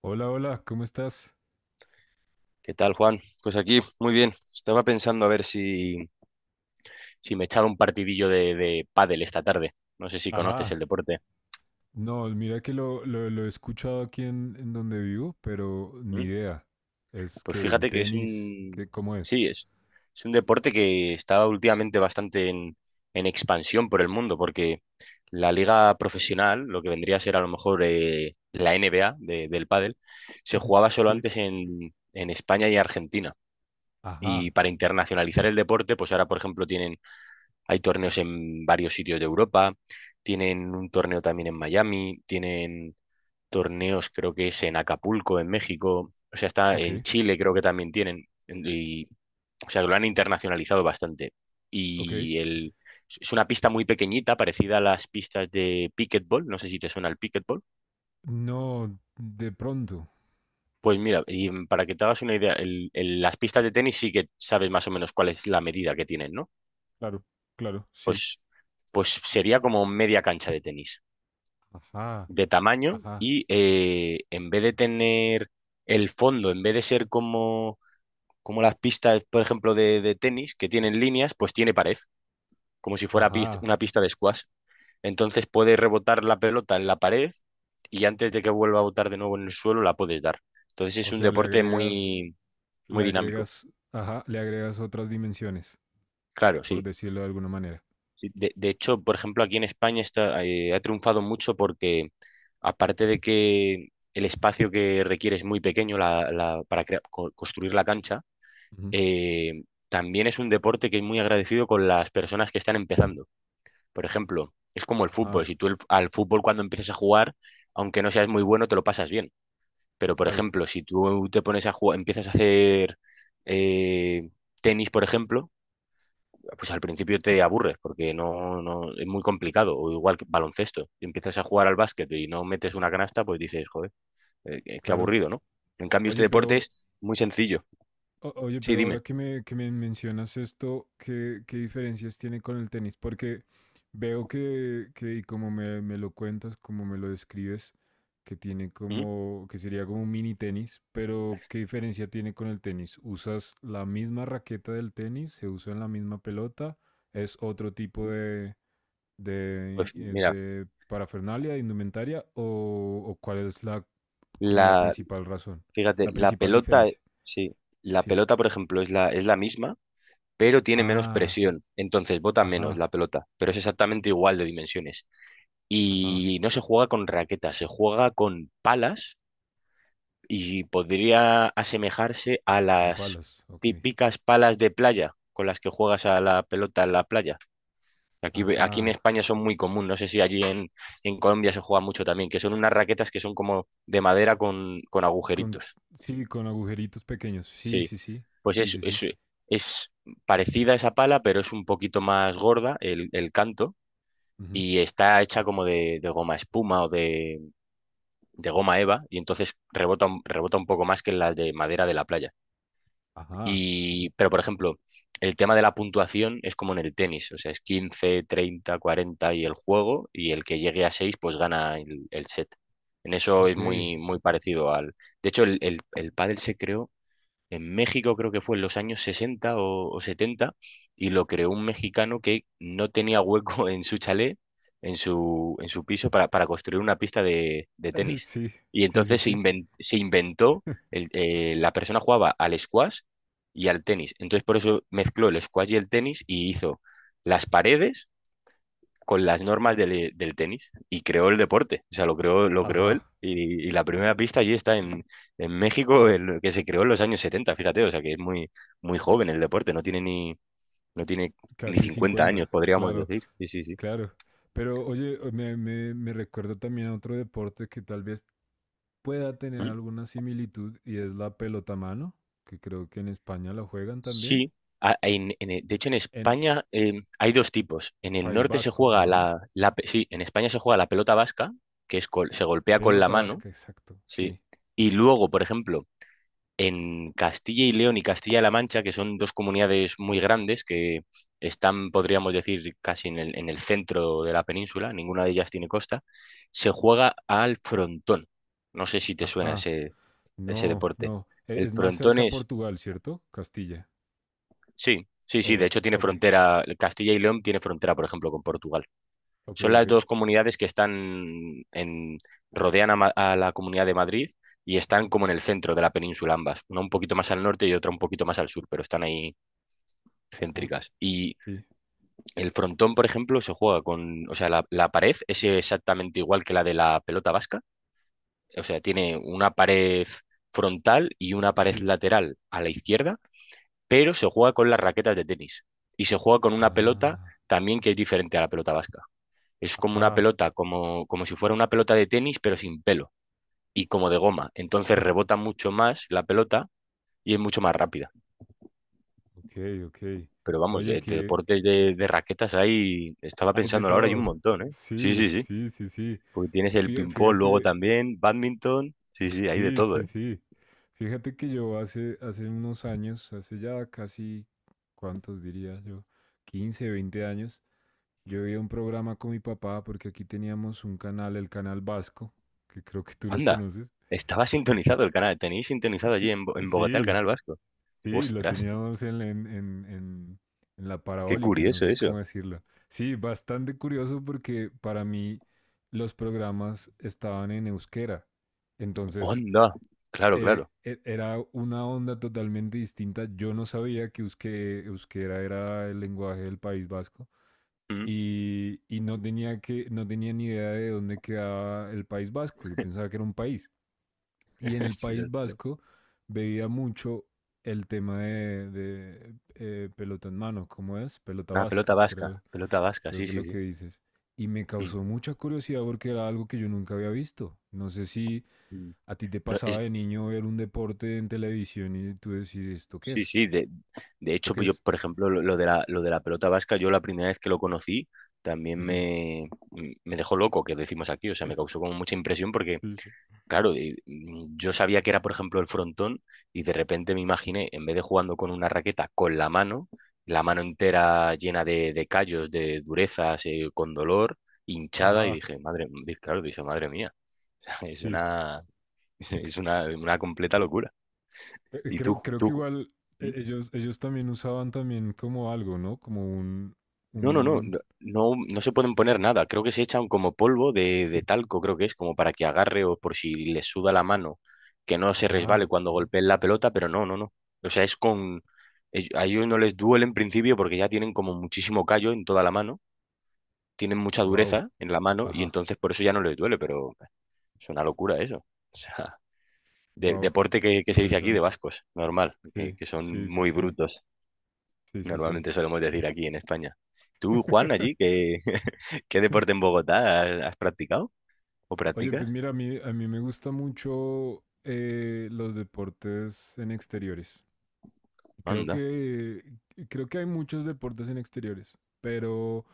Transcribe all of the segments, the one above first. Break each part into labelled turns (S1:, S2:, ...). S1: Hola, hola, ¿cómo estás?
S2: ¿Qué tal, Juan? Pues aquí, muy bien. Estaba pensando a ver si me echaba un partidillo de pádel esta tarde. No sé si conoces
S1: Ajá.
S2: el deporte.
S1: No, mira que lo he escuchado aquí en donde vivo, pero ni
S2: ¿Mm?
S1: idea. Es
S2: Pues
S1: que en
S2: fíjate que es
S1: tenis,
S2: un.
S1: ¿ cómo es?
S2: Sí, es un deporte que está últimamente bastante en expansión por el mundo, porque la liga profesional, lo que vendría a ser a lo mejor la NBA del pádel, se jugaba solo
S1: Sí.
S2: antes en España y Argentina.
S1: Ajá,
S2: Y para internacionalizar el deporte, pues ahora, por ejemplo, tienen Hay torneos en varios sitios de Europa, tienen un torneo también en Miami, tienen torneos creo que es en Acapulco, en México, o sea, está
S1: ok,
S2: en Chile creo que también tienen, y, o sea, lo han internacionalizado bastante.
S1: ok.
S2: Y el, es una pista muy pequeñita, parecida a las pistas de pickleball, no sé si te suena el pickleball.
S1: No, de pronto.
S2: Pues mira, y para que te hagas una idea, las pistas de tenis sí que sabes más o menos cuál es la medida que tienen, ¿no?
S1: Claro, claro, sí.
S2: Pues, pues sería como media cancha de tenis.
S1: Ajá,
S2: De tamaño
S1: ajá,
S2: y en vez de tener el fondo, en vez de ser como las pistas, por ejemplo, de tenis, que tienen líneas, pues tiene pared, como si fuera
S1: ajá.
S2: una pista de squash. Entonces puedes rebotar la pelota en la pared y antes de que vuelva a botar de nuevo en el suelo la puedes dar. Entonces es
S1: O
S2: un
S1: sea,
S2: deporte muy,
S1: le
S2: muy dinámico.
S1: agregas, ajá, le agregas otras dimensiones,
S2: Claro,
S1: por
S2: sí.
S1: decirlo de alguna manera.
S2: Sí, de hecho, por ejemplo, aquí en España ha triunfado mucho porque, aparte de que el espacio que requiere es muy pequeño para construir la cancha,
S1: Ujú.
S2: eh, también es un deporte que es muy agradecido con las personas que están empezando. Por ejemplo, es como el
S1: Ajá,
S2: fútbol. Si tú al fútbol cuando empiezas a jugar, aunque no seas muy bueno, te lo pasas bien. Pero, por
S1: claro,
S2: ejemplo, si tú te pones a jugar, empiezas a hacer eh, tenis, por ejemplo, pues al principio te aburres porque no es muy complicado, o igual que baloncesto. Y empiezas a jugar al básquet y no metes una canasta, pues dices, joder, qué
S1: claro.
S2: aburrido, ¿no? En cambio, este
S1: Oye,
S2: deporte
S1: pero
S2: es muy sencillo.
S1: Oye,
S2: Sí,
S1: pero
S2: dime.
S1: ahora que me mencionas esto, ¿ qué diferencias tiene con el tenis? Porque veo que como me lo cuentas, como me lo describes, que tiene
S2: ¿Mm?
S1: como, que sería como un mini tenis, pero ¿qué diferencia tiene con el tenis? ¿Usas la misma raqueta del tenis? ¿Se usa en la misma pelota? ¿Es otro tipo
S2: Pues mira,
S1: de parafernalia, de indumentaria? O cuál es como la
S2: la,
S1: principal razón?
S2: fíjate,
S1: La
S2: la
S1: principal
S2: pelota,
S1: diferencia,
S2: sí, la
S1: sí.
S2: pelota, por ejemplo, es la misma, pero tiene menos
S1: Ah,
S2: presión. Entonces bota menos
S1: ajá,
S2: la pelota, pero es exactamente igual de dimensiones.
S1: ajá,
S2: Y no se juega con raquetas, se juega con palas y podría asemejarse a
S1: con
S2: las
S1: palas, ok.
S2: típicas palas de playa con las que juegas a la pelota en la playa. Aquí en
S1: Ajá,
S2: España son muy común, no sé si allí en Colombia se juega mucho también, que son unas raquetas que son como de madera con
S1: con,
S2: agujeritos.
S1: sí, con agujeritos pequeños. Sí,
S2: Sí,
S1: sí, sí,
S2: pues
S1: sí,
S2: es,
S1: sí, sí.
S2: es, es parecida a esa pala, pero es un poquito más gorda el canto
S1: Ujú,
S2: y está hecha como de goma espuma o de goma eva y entonces rebota un poco más que las de madera de la playa.
S1: ajá,
S2: Y, pero, por ejemplo, el tema de la puntuación es como en el tenis, o sea, es 15 30 40 y el juego, y el que llegue a 6 pues gana el set. En eso es
S1: ok. Eh,
S2: muy, muy parecido al. De hecho, el pádel se creó en México, creo que fue en los años 60 o 70, y lo creó un mexicano que no tenía hueco en su chalet, en su piso, para construir una pista de tenis.
S1: sí,
S2: Y
S1: sí, sí,
S2: entonces se
S1: sí.
S2: inven- se inventó, la persona jugaba al squash y al tenis. Entonces por eso mezcló el squash y el tenis y hizo las paredes con las normas del tenis y creó el deporte, o sea, lo creó él
S1: Ajá,
S2: y la primera pista allí está en México, que se creó en los años 70 fíjate, o sea, que es muy, muy joven el deporte, no tiene ni
S1: casi
S2: 50 años,
S1: cincuenta,
S2: podríamos
S1: claro,
S2: decir. Sí, sí, sí.
S1: claro. Pero oye, me recuerda también a otro deporte que tal vez pueda tener
S2: ¿Mm?
S1: alguna similitud y es la pelota mano, que creo que en España la juegan también.
S2: Sí. De hecho, en
S1: En
S2: España hay dos tipos. En el
S1: País
S2: norte se
S1: Vasco,
S2: juega
S1: creo, ¿no?
S2: sí, en España se juega la pelota vasca, que es se golpea con la
S1: Pelota
S2: mano,
S1: vasca, exacto,
S2: sí.
S1: sí.
S2: Y luego, por ejemplo, en Castilla y León y Castilla-La Mancha, que son dos comunidades muy grandes que están, podríamos decir, casi en el centro de la península, ninguna de ellas tiene costa, se juega al frontón. No sé si te suena
S1: Ajá.
S2: ese
S1: No,
S2: deporte.
S1: no.
S2: El
S1: Es más
S2: frontón
S1: cerca a
S2: es,
S1: Portugal, ¿cierto? Castilla.
S2: sí, sí, sí, de
S1: Oh,
S2: hecho tiene
S1: ok,
S2: frontera, Castilla y León tiene frontera, por ejemplo, con Portugal.
S1: ok,
S2: Son
S1: ok.
S2: las dos comunidades que rodean a la Comunidad de Madrid y están como en el centro de la península ambas, una un poquito más al norte y otra un poquito más al sur, pero están ahí
S1: Ajá,
S2: céntricas. Y
S1: sí,
S2: el frontón, por ejemplo, se juega con, o sea, la pared es exactamente igual que la de la pelota vasca, o sea, tiene una pared frontal y una pared
S1: sí.
S2: lateral a la izquierda, pero se juega con las raquetas de tenis y se juega con una pelota
S1: Ah,
S2: también que es diferente a la pelota vasca. Es como una
S1: ajá.
S2: pelota, como si fuera una pelota de tenis, pero sin pelo y como de goma. Entonces rebota mucho más la pelota y es mucho más rápida.
S1: Ok, ok.
S2: Pero vamos,
S1: Oye,
S2: de
S1: que
S2: deportes de raquetas ahí, estaba
S1: hay de
S2: pensando ahora hay un
S1: todo.
S2: montón, ¿eh? Sí,
S1: Sí,
S2: sí, sí.
S1: sí, sí, sí.
S2: Porque tienes el ping-pong luego
S1: Fíjate,
S2: también, bádminton. Sí, sí, hay de
S1: sí,
S2: todo, ¿eh?
S1: sí, sí. Fíjate que yo hace unos años, hace ya casi, ¿cuántos diría yo? Quince, 20 años. Yo vi un programa con mi papá porque aquí teníamos un canal, el canal Vasco, que creo que tú lo
S2: Anda,
S1: conoces.
S2: estaba sintonizado el canal, tenéis sintonizado allí
S1: Sí,
S2: en Bogotá el
S1: sí,
S2: canal vasco.
S1: sí, lo
S2: Ostras,
S1: teníamos en la
S2: qué
S1: parabólica, no
S2: curioso
S1: sé cómo
S2: eso.
S1: decirlo. Sí, bastante curioso porque para mí los programas estaban en euskera. Entonces,
S2: Onda, claro, claro.
S1: era una onda totalmente distinta. Yo no sabía que euskera era el lenguaje del País Vasco,
S2: Mm.
S1: y no tenía no tenía ni idea de dónde quedaba el País Vasco. Yo pensaba que era un país. Y en el
S2: Sí,
S1: País
S2: ostras.
S1: Vasco veía mucho el tema pelota en mano, ¿cómo es? Pelota
S2: Una
S1: vasca, creo,
S2: pelota vasca,
S1: creo
S2: sí,
S1: que es
S2: sí,
S1: lo que
S2: sí.
S1: dices. Y me
S2: Mm,
S1: causó mucha curiosidad porque era algo que yo nunca había visto. No sé si
S2: mm.
S1: a ti te
S2: No,
S1: pasaba de niño ver un deporte en televisión y tú decís, ¿esto qué
S2: sí,
S1: es?
S2: sí, de
S1: ¿Esto
S2: hecho,
S1: qué
S2: pues yo,
S1: es?
S2: por ejemplo, lo de la pelota vasca, yo la primera vez que lo conocí, también
S1: Uh -huh.
S2: me dejó loco, que decimos aquí, o sea, me causó como mucha impresión porque,
S1: sí.
S2: claro, yo sabía que era, por ejemplo, el frontón y de repente me imaginé, en vez de jugando con una raqueta, con la mano entera llena de callos, de durezas, con dolor, hinchada, y
S1: Ajá,
S2: dije, madre, claro, dije, madre mía, es
S1: sí.
S2: una, una completa locura. ¿Y tú,
S1: Creo, creo que
S2: tú?
S1: igual ellos, ellos también usaban también como algo, ¿no? Como
S2: No, no, no,
S1: un,
S2: no, no, no se pueden poner nada. Creo que se echan como polvo de talco, creo que es, como para que agarre o por si le suda la mano, que no se
S1: ajá,
S2: resbale cuando golpeen la pelota, pero no, no, no. O sea, a ellos no les duele en principio porque ya tienen como muchísimo callo en toda la mano, tienen mucha
S1: wow,
S2: dureza en la mano y
S1: ajá,
S2: entonces por eso ya no les duele, pero es una locura eso. O sea, de-
S1: wow,
S2: deporte que se dice aquí de
S1: interesante.
S2: vascos, normal, que,
S1: Sí,
S2: que son
S1: sí, sí,
S2: muy
S1: sí,
S2: brutos,
S1: sí, sí, sí.
S2: normalmente solemos decir aquí en España. ¿Tú, Juan, allí, que? ¿Qué deporte en Bogotá has practicado o
S1: Oye, pues
S2: practicas?
S1: mira, a mí me gusta mucho los deportes en exteriores. Creo
S2: Anda.
S1: que, creo que hay muchos deportes en exteriores, pero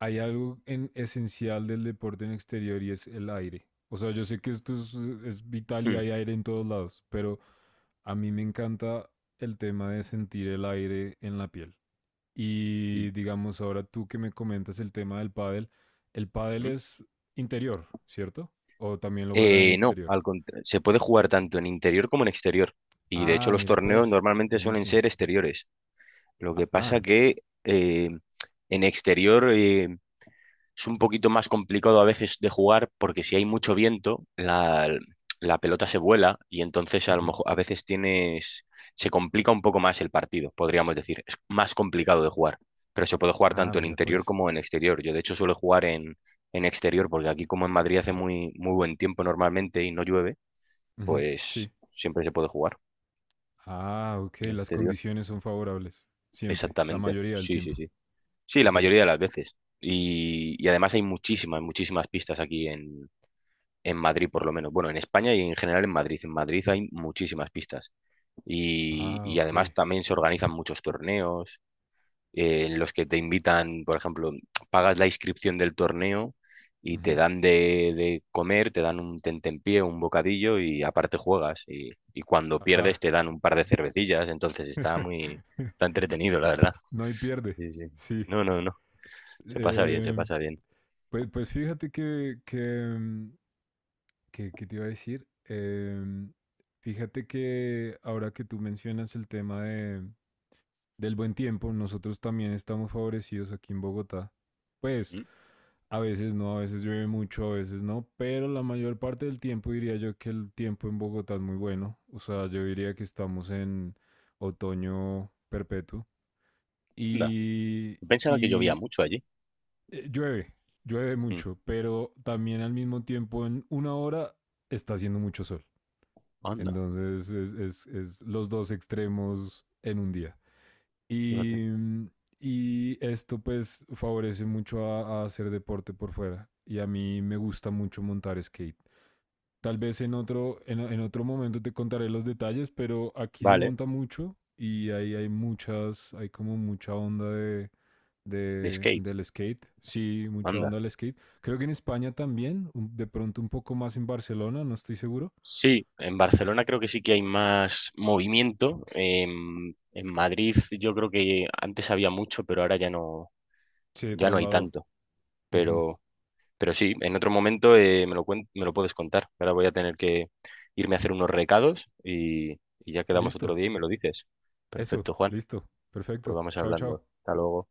S1: hay algo en esencial del deporte en exterior y es el aire. O sea, yo sé que esto es vital y
S2: Mm,
S1: hay aire en todos lados, pero a mí me encanta el tema de sentir el aire en la piel.
S2: y-
S1: Y digamos, ahora tú que me comentas el tema del pádel, el pádel
S2: mm.
S1: es interior, ¿cierto? O también lo juegan en
S2: No,
S1: exterior.
S2: se puede jugar tanto en interior como en exterior. Y de hecho
S1: Ah,
S2: los
S1: mira
S2: torneos
S1: pues,
S2: normalmente suelen
S1: buenísimo.
S2: ser exteriores. Lo que pasa
S1: Ajá.
S2: que en exterior, es un poquito más complicado a veces de jugar porque si hay mucho viento, la pelota se vuela y entonces a lo
S1: Ujú.
S2: mejor a veces tienes, se complica un poco más el partido, podríamos decir. Es más complicado de jugar, pero se puede jugar
S1: Ah,
S2: tanto en
S1: mira
S2: interior
S1: pues.
S2: como en exterior. Yo de hecho suelo jugar en exterior porque aquí como en Madrid hace muy, muy buen tiempo normalmente y no llueve,
S1: Ujú,
S2: pues
S1: sí.
S2: siempre se puede jugar
S1: Ah, ok.
S2: en
S1: Las
S2: exterior.
S1: condiciones son favorables. Siempre. La
S2: Exactamente,
S1: mayoría del
S2: sí, sí,
S1: tiempo.
S2: sí. Sí, la
S1: Ok.
S2: mayoría de las veces. Y además hay muchísimas, muchísimas pistas aquí en Madrid, por lo menos. Bueno, en España y en general en Madrid. En Madrid hay muchísimas pistas. Y,
S1: Ah,
S2: y
S1: ok.
S2: además también se organizan muchos torneos en los que te invitan, por ejemplo, pagas la inscripción del torneo y te
S1: Ujú.
S2: dan de comer, te dan un tentempié, un bocadillo y aparte juegas. Y cuando pierdes
S1: Ajá.
S2: te dan un par de cervecillas. Entonces está entretenido, la verdad.
S1: No hay pierde.
S2: Sí, sí.
S1: Sí.
S2: No, no, no. Se pasa bien, se
S1: Eh,
S2: pasa bien.
S1: pues, pues fíjate mm, que te iba a decir. Fíjate que ahora que tú mencionas el tema del buen tiempo, nosotros también estamos favorecidos aquí en Bogotá. Pues
S2: Mm.
S1: a veces no, a veces llueve mucho, a veces no, pero la mayor parte del tiempo diría yo que el tiempo en Bogotá es muy bueno. O sea, yo diría que estamos en otoño perpetuo.
S2: Anda.
S1: Y,
S2: Pensaba que llovía
S1: y
S2: mucho allí.
S1: llueve, llueve
S2: Mm.
S1: mucho, pero también al mismo tiempo en una hora está haciendo mucho sol.
S2: Anda.
S1: Entonces es los dos extremos en un día.
S2: Fíjate.
S1: Y, y esto pues favorece mucho a hacer deporte por fuera. Y a mí me gusta mucho montar skate. Tal vez en otro, en otro momento te contaré los detalles, pero aquí se
S2: Vale.
S1: monta mucho y ahí hay muchas, hay como mucha onda
S2: De skates,
S1: del skate. Sí, mucha
S2: anda.
S1: onda del skate. Creo que en España también, de pronto un poco más en Barcelona, no estoy seguro.
S2: Sí, en Barcelona creo que sí que hay más movimiento. En Madrid yo creo que antes había mucho, pero ahora ya no,
S1: Se
S2: ya no hay
S1: trasladó.
S2: tanto.
S1: Ujú.
S2: Pero, pero sí, en otro momento me lo puedes contar. Ahora voy a tener que irme a hacer unos recados y ya quedamos otro
S1: Listo.
S2: día y me lo dices.
S1: Eso,
S2: Perfecto, Juan.
S1: listo.
S2: Pues
S1: Perfecto.
S2: vamos
S1: Chao, chao.
S2: hablando. Hasta luego.